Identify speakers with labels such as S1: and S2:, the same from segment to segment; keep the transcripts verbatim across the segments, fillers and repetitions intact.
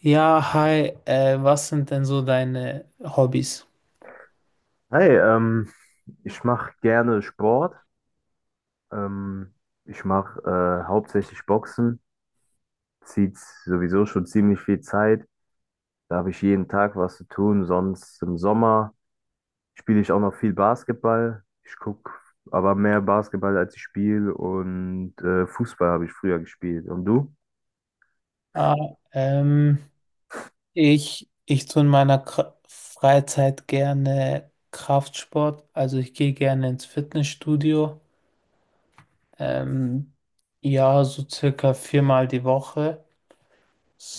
S1: Ja, hi, äh, was sind denn so deine Hobbys?
S2: Hey, ähm, ich mache gerne Sport. Ähm, ich mache äh, hauptsächlich Boxen. Zieht sowieso schon ziemlich viel Zeit. Da habe ich jeden Tag was zu tun. Sonst im Sommer spiele ich auch noch viel Basketball. Ich gucke aber mehr Basketball, als ich spiele. Und äh, Fußball habe ich früher gespielt. Und du?
S1: Ah, ähm, ich, ich tue in meiner Kra Freizeit gerne Kraftsport, also ich gehe gerne ins Fitnessstudio, ähm, ja, so circa viermal die Woche.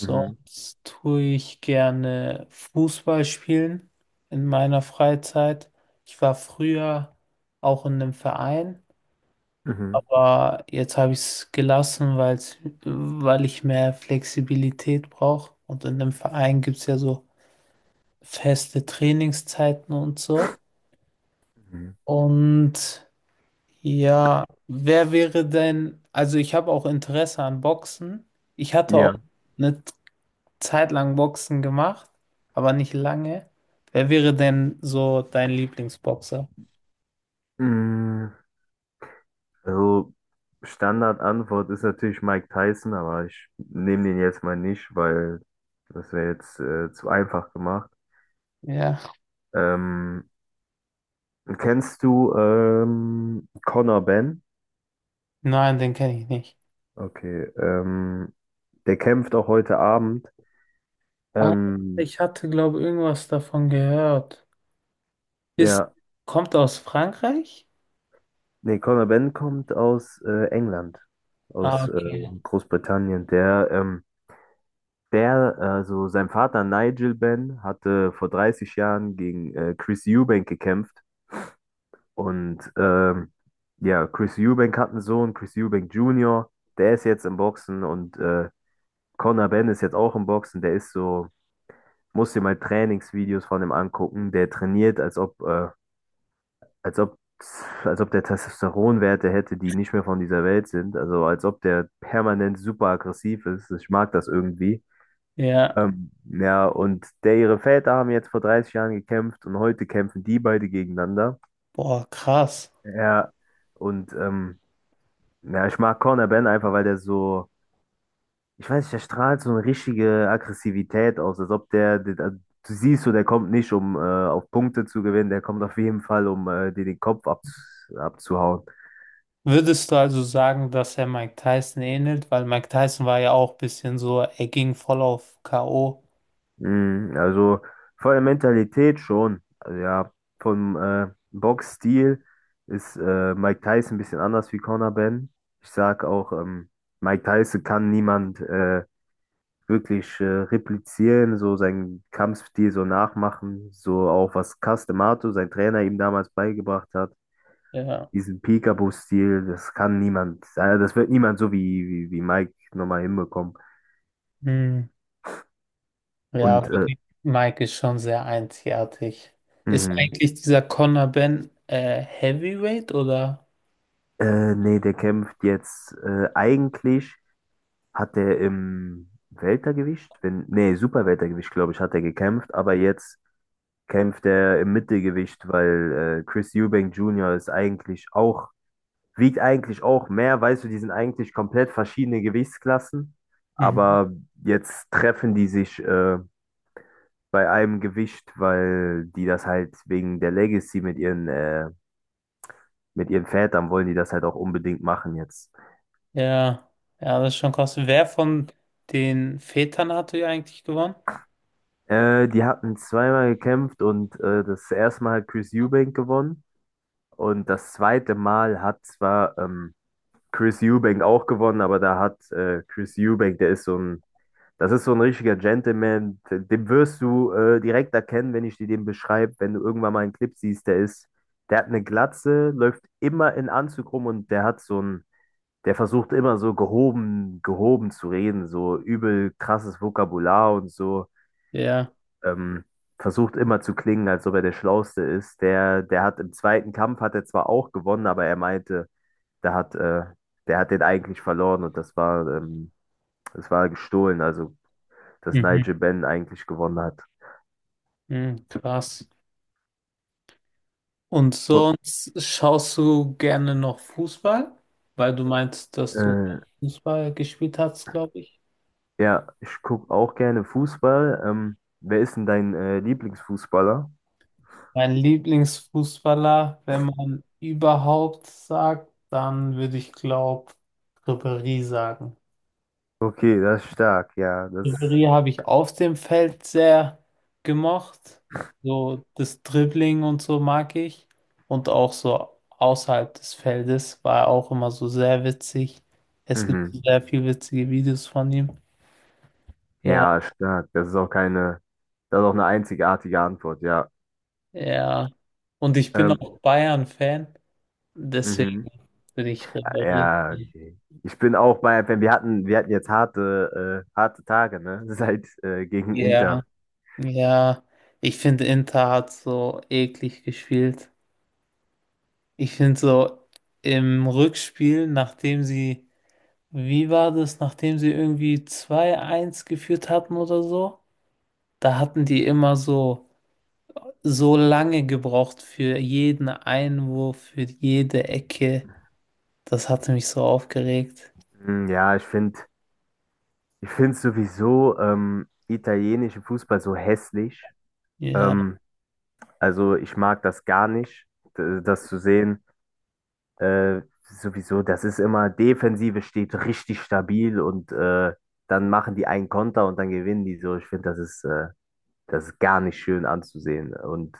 S2: Mhm.
S1: tue ich gerne Fußball spielen in meiner Freizeit. Ich war früher auch in einem Verein.
S2: Mhm.
S1: Aber jetzt habe ich es gelassen, weil's, weil ich mehr Flexibilität brauche. Und in dem Verein gibt es ja so feste Trainingszeiten und so.
S2: Mhm.
S1: Und ja, wer wäre denn, also ich habe auch Interesse an Boxen. Ich hatte auch
S2: Ja.
S1: eine Zeit lang Boxen gemacht, aber nicht lange. Wer wäre denn so dein Lieblingsboxer?
S2: Mm, Also Standardantwort ist natürlich Mike Tyson, aber ich nehme den jetzt mal nicht, weil das wäre jetzt äh, zu einfach gemacht.
S1: Ja,
S2: Ähm, kennst du ähm, Conor Benn?
S1: nein, den kenne ich nicht.
S2: Okay, ähm, der kämpft auch heute Abend.
S1: Ah,
S2: Ähm,
S1: ich hatte, glaube ich, irgendwas davon gehört. Ist,
S2: ja,
S1: Kommt aus Frankreich?
S2: nee, Conor Benn kommt aus äh, England,
S1: Ah,
S2: aus äh,
S1: okay.
S2: Großbritannien. Der, ähm, der, also sein Vater Nigel Benn hatte vor dreißig Jahren gegen äh, Chris Eubank gekämpft. Und ähm, ja, Chris Eubank hat einen Sohn, Chris Eubank Junior, der ist jetzt im Boxen, und äh, Conor Benn ist jetzt auch im Boxen. Der ist so, muss dir mal Trainingsvideos von ihm angucken. Der trainiert, als ob, äh, als ob, als ob der Testosteronwerte hätte, die nicht mehr von dieser Welt sind, also als ob der permanent super aggressiv ist. Ich mag das irgendwie.
S1: Ja,
S2: Ähm, ja, und der, ihre Väter haben jetzt vor dreißig Jahren gekämpft, und heute kämpfen die beide gegeneinander.
S1: boah, krass.
S2: Ja, und ähm, Ja, ich mag Corner Ben einfach, weil der so, ich weiß nicht, der strahlt so eine richtige Aggressivität aus, als ob der, der also, du siehst so, der kommt nicht, um äh, auf Punkte zu gewinnen. Der kommt auf jeden Fall, um äh, dir den Kopf ab, abzuhauen.
S1: Würdest du also sagen, dass er Mike Tyson ähnelt? Weil Mike Tyson war ja auch ein bisschen so, er ging voll auf K O.
S2: Mm, also von der Mentalität schon, also ja, vom äh, Boxstil ist äh, Mike Tyson ein bisschen anders wie Conor Ben. Ich sag auch, ähm, Mike Tyson kann niemand äh, wirklich äh, replizieren, so seinen Kampfstil so nachmachen, so auch was Castemato, sein Trainer, ihm damals beigebracht hat.
S1: Ja.
S2: Diesen Peekaboo-Stil, das kann niemand, äh, das wird niemand so wie, wie, wie Mike nochmal hinbekommen.
S1: Hm. Ja,
S2: Und äh,
S1: okay. Mike ist schon sehr einzigartig. Ist
S2: mhm.
S1: eigentlich dieser Conor Ben äh, Heavyweight oder?
S2: äh, nee, der kämpft jetzt äh, eigentlich, hat er im Weltergewicht, wenn, nee, Superweltergewicht, glaube ich, hat er gekämpft, aber jetzt kämpft er im Mittelgewicht, weil äh, Chris Eubank Junior ist eigentlich auch, wiegt eigentlich auch mehr, weißt du, die sind eigentlich komplett verschiedene Gewichtsklassen,
S1: Mhm.
S2: aber jetzt treffen die sich äh, bei einem Gewicht, weil die das halt wegen der Legacy mit ihren, äh, mit ihren Vätern, wollen die das halt auch unbedingt machen jetzt.
S1: Ja, ja, das ist schon krass. Wer von den Vätern hat er eigentlich gewonnen?
S2: Äh, die hatten zweimal gekämpft, und äh, das erste Mal hat Chris Eubank gewonnen, und das zweite Mal hat zwar ähm, Chris Eubank auch gewonnen, aber da hat äh, Chris Eubank, der ist so ein. Das ist so ein richtiger Gentleman. Den wirst du äh, direkt erkennen, wenn ich dir den beschreibe, wenn du irgendwann mal einen Clip siehst. Der ist, der hat eine Glatze, läuft immer in Anzug rum, und der hat so ein, der versucht immer so gehoben, gehoben zu reden, so übel krasses Vokabular und so.
S1: Ja.
S2: Ähm, versucht immer zu klingen, als ob er der Schlauste ist. Der, der hat im zweiten Kampf, hat er zwar auch gewonnen, aber er meinte, der hat, äh, der hat den eigentlich verloren, und das war, ähm, das war gestohlen, also dass
S1: Mhm.
S2: Nigel Benn eigentlich gewonnen hat.
S1: Mhm. Krass. Und
S2: Oh,
S1: sonst schaust du gerne noch Fußball, weil du meinst, dass du
S2: äh,
S1: Fußball gespielt hast, glaube ich.
S2: ja, ich gucke auch gerne Fußball. Ähm, wer ist denn dein äh, Lieblingsfußballer?
S1: Mein Lieblingsfußballer, wenn man überhaupt sagt, dann würde ich glaube Ribéry sagen.
S2: Okay, das ist stark, ja, das,
S1: Ribéry habe ich auf dem Feld sehr gemocht. So das Dribbling und so mag ich. Und auch so außerhalb des Feldes war er auch immer so sehr witzig. Es gibt
S2: mhm.
S1: sehr viel witzige Videos von ihm. Ja.
S2: Ja, stark. Das ist auch keine, das ist auch eine einzigartige Antwort, ja.
S1: Ja. Und ich bin
S2: Ähm,
S1: auch Bayern-Fan, deswegen
S2: mhm.
S1: bin ich Ribéry.
S2: Ja, okay. Ich bin auch bei, wenn, wir hatten, wir hatten jetzt harte, äh, harte Tage, ne? Seit äh, gegen Inter.
S1: Ja, ja. Ich finde, Inter hat so eklig gespielt. Ich finde so im Rückspiel, nachdem sie, wie war das, nachdem sie irgendwie zwei eins geführt hatten oder so, da hatten die immer so, so lange gebraucht für jeden Einwurf, für jede Ecke. Das hatte mich so aufgeregt.
S2: Mm, Ja, ich finde, ich finde sowieso ähm, italienischen Fußball so hässlich.
S1: Ja.
S2: Ähm, Also ich mag das gar nicht, d- das zu sehen. Äh, sowieso, das ist immer, Defensive steht richtig stabil, und äh, dann machen die einen Konter und dann gewinnen die so. Ich finde, das ist, äh, das ist gar nicht schön anzusehen. Und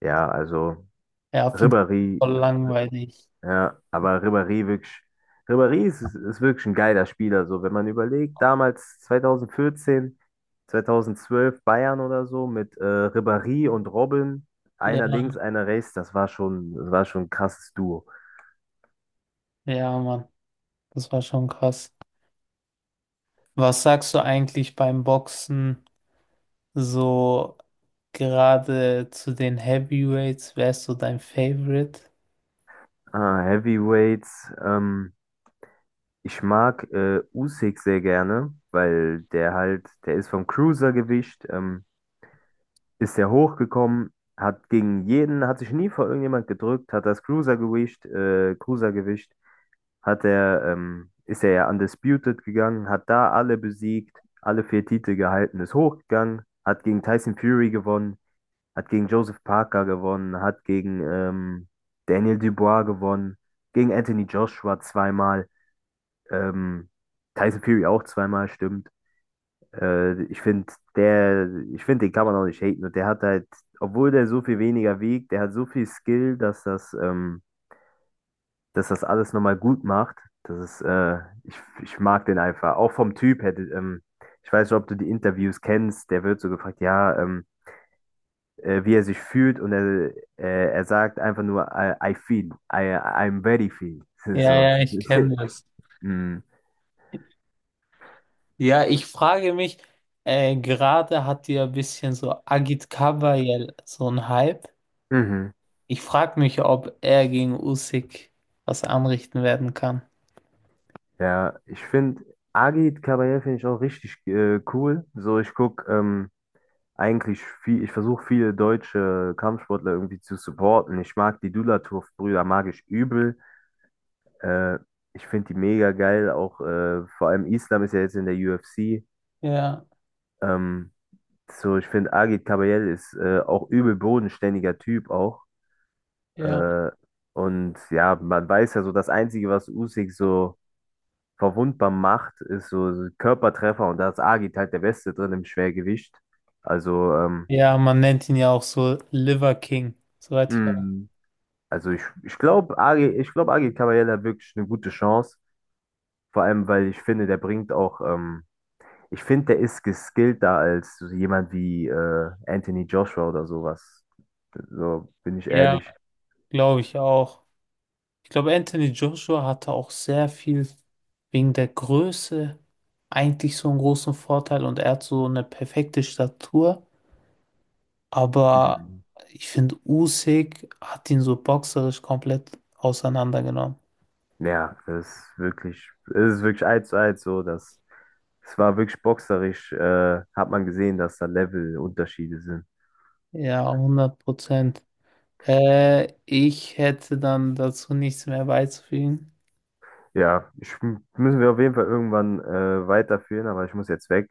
S2: ja, also
S1: Ja, finde ich
S2: Ribéry.
S1: voll langweilig.
S2: Ja, aber Ribéry wirklich, Ribéry ist, ist wirklich ein geiler Spieler. So, wenn man überlegt, damals zwanzig vierzehn, zwanzig zwölf Bayern oder so mit äh, Ribéry und Robben,
S1: Ja,
S2: einer links, einer rechts, das war schon, das war schon ein krasses Duo.
S1: ja, Mann, das war schon krass. Was sagst du eigentlich beim Boxen so gerade zu den Heavyweights? Wer ist so dein Favorite?
S2: Ah, Heavyweights, ähm, ich mag äh, Usyk sehr gerne, weil der halt, der ist vom Cruisergewicht, ähm, ist der hochgekommen, hat gegen jeden, hat sich nie vor irgendjemand gedrückt, hat das Cruisergewicht, äh, Cruisergewicht hat er, ähm, ist er ja undisputed gegangen, hat da alle besiegt, alle vier Titel gehalten, ist hochgegangen, hat gegen Tyson Fury gewonnen, hat gegen Joseph Parker gewonnen, hat gegen ähm, Daniel Dubois gewonnen, gegen Anthony Joshua zweimal, ähm, Tyson Fury auch zweimal, stimmt. Äh, ich finde, der, ich finde, den kann man auch nicht haten. Und der hat halt, obwohl der so viel weniger wiegt, der hat so viel Skill, dass das, ähm, dass das alles nochmal gut macht. Das ist, äh, ich, ich mag den einfach. Auch vom Typ hätte, ähm, ich weiß nicht, ob du die Interviews kennst, der wird so gefragt, ja, ähm, äh, wie er sich fühlt, und er, äh, er sagt einfach nur, I, I feel, I, I'm very feel.
S1: Ja,
S2: So.
S1: ja, ich kenne das.
S2: mm,
S1: Ja, ich frage mich, äh, gerade hat ja ein bisschen so Agit Kabayel so ein Hype.
S2: mhm.
S1: Ich frage mich, ob er gegen Usyk was anrichten werden kann.
S2: Ja, ich finde, Agit Kabayel finde ich auch richtig äh, cool. So, ich gucke ähm, eigentlich viel, ich versuche viele deutsche Kampfsportler irgendwie zu supporten. Ich mag die Dulatov-Brüder, mag ich übel. Äh, ich finde die mega geil, auch äh, vor allem Islam ist ja jetzt in der U F C.
S1: Ja,
S2: Ähm, so, ich finde, Agit Kabayel ist äh, auch übel bodenständiger Typ auch.
S1: ja.
S2: Äh, und ja, man weiß ja so, das Einzige, was Usyk so verwundbar macht, ist so so Körpertreffer, und da ist Agit halt der Beste drin im Schwergewicht. Also, ähm,
S1: Ja, man nennt ihn ja auch so Liver King, soweit ich weiß.
S2: hm, also ich, ich glaube, Agit, ich glaub, Agit Kabayel hat wirklich eine gute Chance. Vor allem, weil ich finde, der bringt auch ähm, Ich finde, der ist geskillter als so jemand wie äh, Anthony Joshua oder sowas. So bin ich
S1: Ja,
S2: ehrlich.
S1: glaube ich auch. Ich glaube, Anthony Joshua hatte auch sehr viel wegen der Größe eigentlich so einen großen Vorteil und er hat so eine perfekte Statur. Aber
S2: Mhm.
S1: ich finde, Usyk hat ihn so boxerisch komplett auseinandergenommen.
S2: Ja, das ist wirklich, es ist wirklich eins zu eins so, dass es war wirklich boxerisch, äh, hat man gesehen, dass da Levelunterschiede sind.
S1: Ja, hundert Prozent. Äh, ich hätte dann dazu nichts mehr beizufügen.
S2: Ja, ich, müssen wir auf jeden Fall irgendwann äh, weiterführen, aber ich muss jetzt weg.